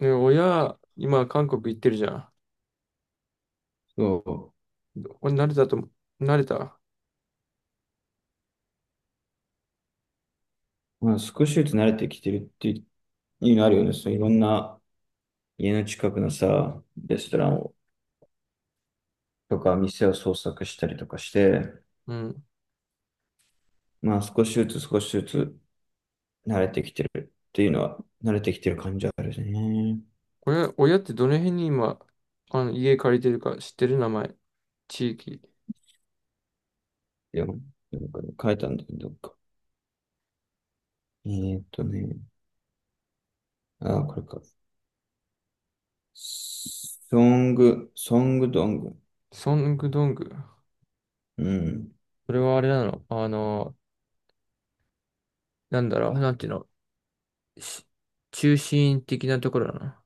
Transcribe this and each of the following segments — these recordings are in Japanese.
ね、親、今、韓国行ってるじゃん。そこれ慣れたと思う、慣れた。う。まあ、少しずつ慣れてきてるっていうのあるよね。そう、いろんな家の近くのさ、レストランをとか店を捜索したりとかして、うん。まあ少しずつ少しずつ慣れてきてるっていうのは、慣れてきてる感じはあるね。親ってどの辺に今、家借りてるか知ってる？名前。地域。いや、なんか書いたんだけど、どっか。えーっとね、あ、これか。ソング、ソングドング。ソングドング。うそれはあれなの？なんだろう、なんていうの、し中心的なところだな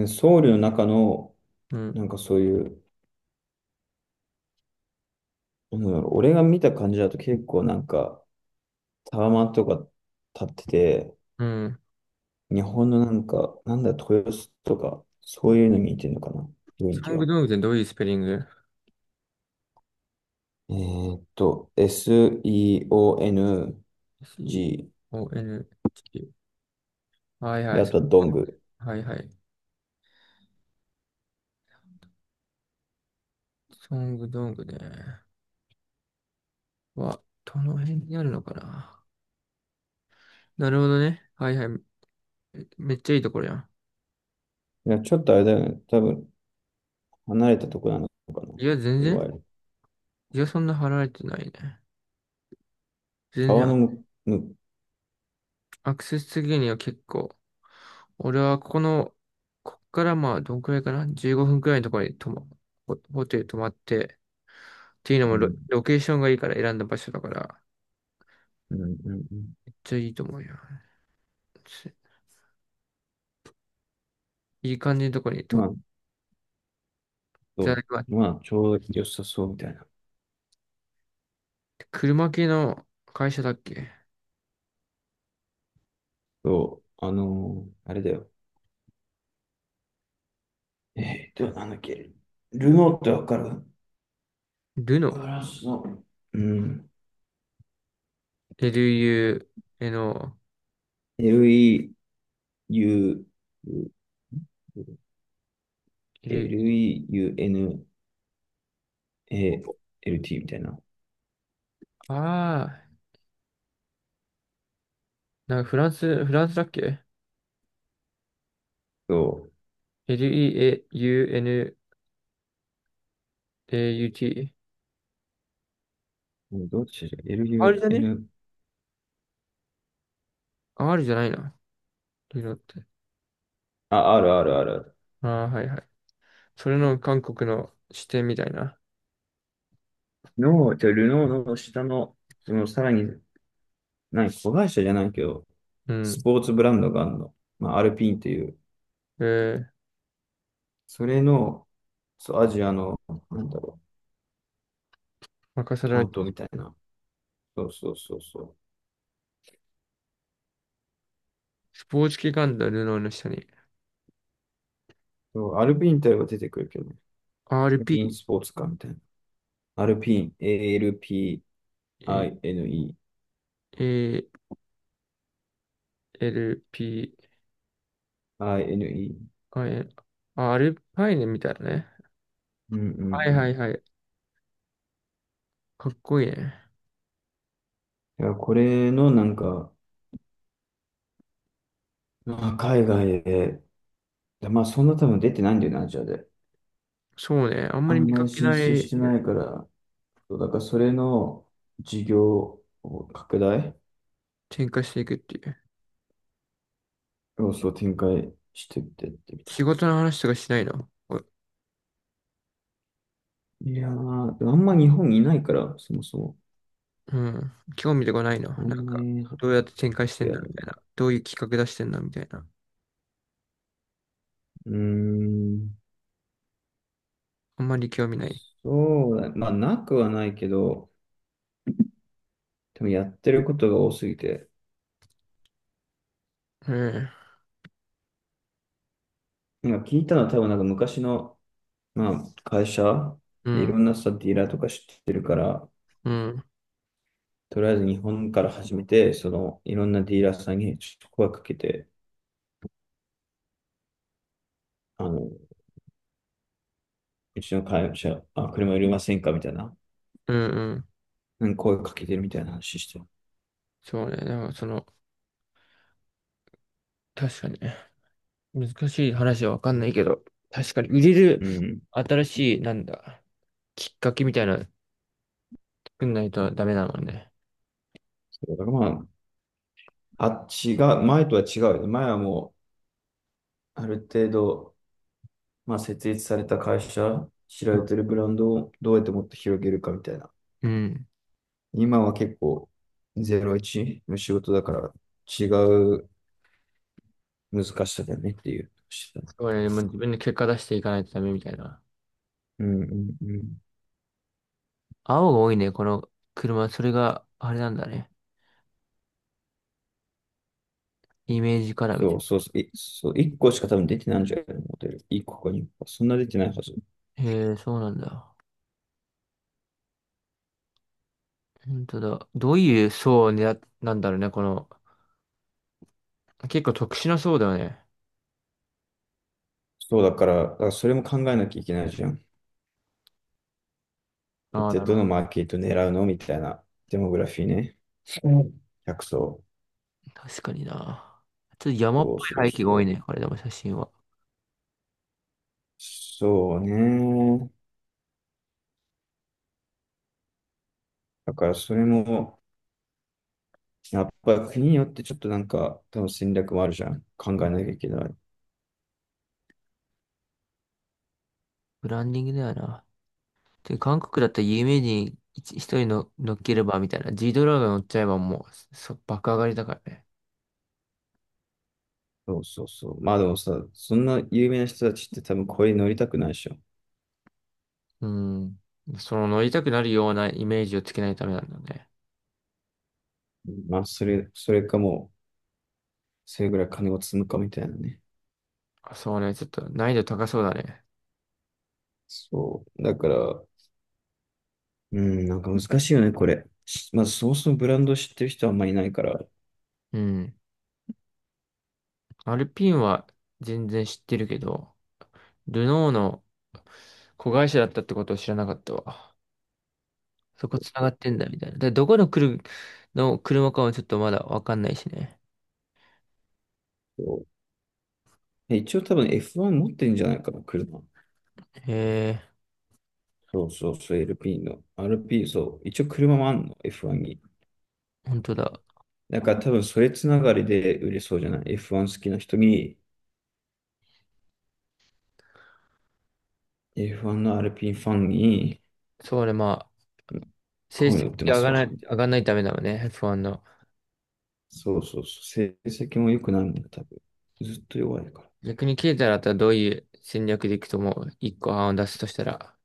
ん。ソウルの中の、の。なんかそういう、なんだろう、俺が見た感じだと結構なんか、タワマンとか建ってて、うん。うん。日本のなんか、なんだ、豊洲とか、そういうのに似てるのかな、雰囲ソ気ングは。ドングってどういうスペリング？ SEONG、C-O-N-G。はいはで、い。あとはドング。はいはい。ソングドングね。は、どの辺にあるのかな？なるほどね。はいはい。めっちゃいいところやん。いや、ちょっとあれだよね、多分、離れたとこなのかな、いや、全いわ然。ゆる。いや、そんな払われてないね。全然、川のアクセス的には結構。俺はここの、こっからまあ、どんくらいかな？ 15 分くらいのところにホテル泊まって、っていうのうもロ、ん、ロケーションがいいから選んだ場所だから、うん、うん。うん、めっちゃいいと思うよ。すいい感じのところに泊ままっあ、て、そまあう、まあ、ちょうど良さそうみたいな。車系の会社だっけ？そう、あれだよ。なんだっけ。ルノーってわかる？ルノ、フランスの。うん。LU、えの、LEU、LEUNALT エル、みたいな。ああ、なんかフランスだっけ？ そ L-E-A-U-N-A-U-T。う。どっちだ？ R じゃね？ LUN、R じゃないな。リロって。あ、あるあるある。ああ、はいはい。それの韓国の視点みたいな。の、じゃあルノーの下の、そのさらに、何、子会社じゃないけど、うん。スポーツブランドがあるの。まあ、アルピーンという、えー、それの、そう、アジアの、なんだろう、任せられ担て。当みたいな。そうそうそうそう。スポーツ機関のルノーの下に。そうアルピーンって言えば出てくるけどね、アルピーン RP、スポーツカーみたいな。アルピーン、ALPINE、え INE。ALP、IN、あ、アルパイネみたいなね。うんうんはいうはん。いはい。かっこいいね。いや、これのなんか、まあ、海外で、まあそんな多分出てないんだよな、アジアで。そうね。あんまありん見まかりけ進な出しい。てないから、そうだからそれの事業を拡大展開していくっていう。要素をそう展開してってみた仕い事の話とかしないの？な。いやー、でもあんま日本にいないから、そもそも。うん。興味とかないの？あんなんまか、り、いどうやって展開してんや、だみたいな。どういう企画出してんだみたいな。うーん、あんまり興味ない。そうだね。まあなくはないけど、多分やってることが多すぎて、うん今聞いたのは多分なんか昔の、まあ、会社、ういん、ろんなさ、ディーラーとか知ってるから、うん、とりあえず日本から始めて、その、いろんなディーラーさんにちょっと声かけて、あの、うちの会社、あ、車いりませんかみたいな、うん、うん。うん声かけてるみたいな話してる。そうね。なんかその、確かにね、難しい話はわかんないけど、確かに売れるうん。新しい、なんだ、きっかけみたいなの作んないとダメなのね。そうだからまあ、あっちが、前とは違うよね。前はもう、ある程度、まあ、設立された会社、知られてるブランドをどうやってもっと広げるかみたいな。うん。今は結構ゼロイチの仕事だから違う難しさだよねっていうしてた。そうね。もう自分で結果出していかないとダメみたいな。うんうんうん。青が多いね、この車。それがあれなんだね。イメージカラーみたそういそうそう。そう、1個しか多分出てないんじゃないのモデル。1個か2個か。そんな出てないはず。な。へえ、そうなんだ。本当だ。どういう層を狙っなんだろうね、この。結構特殊な層だよね。だからそれも考えなきゃいけないじゃん。一ああ、体なるほどのマど。ーケット狙うのみたいなデモグラフィーね。うん客層。確かにな。ちょっと山っぽそうそうい背景がそ多いう。ね、これでも写真は。そうね。だからそれも、やっぱ国によってちょっとなんか、多分戦略もあるじゃん。考えなきゃいけない。ブランディングだよな。で、韓国だったら有名人一人の乗っければみたいな。G ドラが乗っちゃえばもう、爆上がりだからね。そうそうそう。まあでもさ、そんな有名な人たちって多分これに乗りたくないでしょ。うん。その乗りたくなるようなイメージをつけないためなんだね。まあそれかもう、それぐらい金を積むかみたいなね。あ、そうね、ちょっと難易度高そうだね。そう。だから、うん、なんか難しいよね、これ。まあそもそもブランドを知ってる人はあんまりいないから。うん。アルピンは全然知ってるけど、ルノーの子会社だったってことを知らなかったわ。そこ繋がってんだみたいな。で、どこの車かもちょっとまだわかんないしね。そう一応多分 F1 持ってるんじゃないかな、車。へえ、そうそうそう、LP の。RP、そう。一応車もあんの、F1 に。本当だ。だから多分それつながりで売れそうじゃない。F1 好きな人に、F1 の RP ファンに、そうね、まあ、成こういうの売績ってま上すがらわ。ない、上がんないためだもんね、F1 の。そうそうそう、成績も良くないもんね、多分。ずっと弱いから。逆にケイタだったらどういう戦略でいくと思う？一個案を出すとしたら。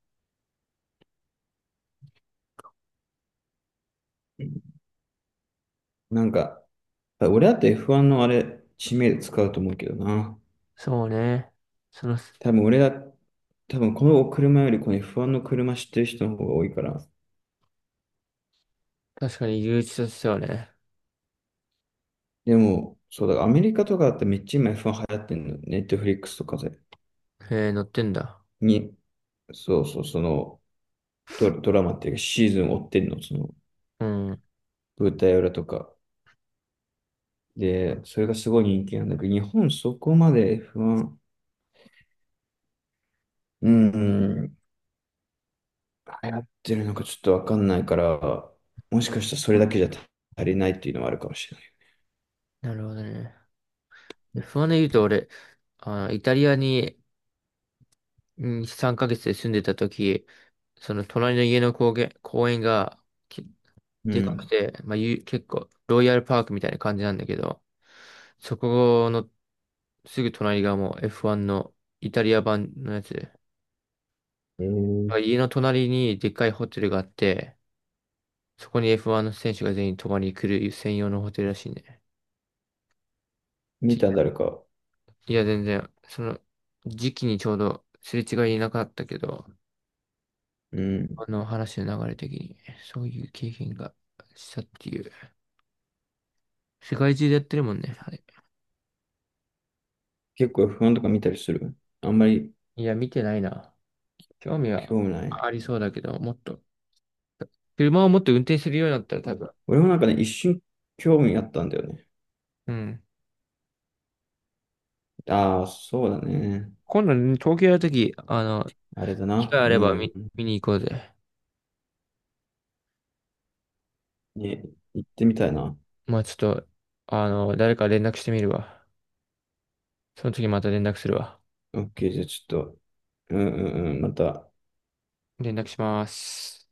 うんなんか、俺だって F1 のあれ、知名度使うと思うけどな。そうね。その、多分俺だ、多分この車よりこの F1 の車知ってる人の方が多いから。確かに誘致としてはね。でも、そうだ、アメリカとかだってめっちゃ今 F1 流行ってんの。ネットフリックスとかで。へえ、乗ってんだ。に、そうそう、そのドラマっていうかシーズン追ってんの、そのうん。舞台裏とか。で、それがすごい人気なんだけど、日本そこまで F1、うん、流行ってるのかちょっとわかんないから、もしかしたらそれだけじゃ足りないっていうのはあるかもしなるほどね。で不安で言うと、俺、イタリアに、うん、3ヶ月で住んでた時、その隣の家の公園が、きれでない。うかくん。て、まあ、結構、ロイヤルパークみたいな感じなんだけど、そこの、すぐ隣がもう F1 のイタリア版のやつで。えー、家の隣にでっかいホテルがあって、そこに F1 の選手が全員泊まりに来る専用のホテルらしいね。見た？誰か。いや、全然、その時期にちょうどすれ違いなかったけど、うん。あの話の流れ的に、そういう経験がしたっていう。世界中でやってるもんね、あれ。結構不安とか見たりする？あんまりいや、見てないな。興味は興味ない。ありそうだけど、もっと。車をもっと運転するようになったら多分。俺もなんかね、一瞬興味あったんだよね。うん。ああ、そうだね。今度、東京やるとき、あれだ機な。会あれうばん。見に行こうぜ。ね、行ってみたいな。まあちょっと、誰か連絡してみるわ。その時また連絡するわ。OK、じゃあちょっと、うんうんうん、また、連絡します。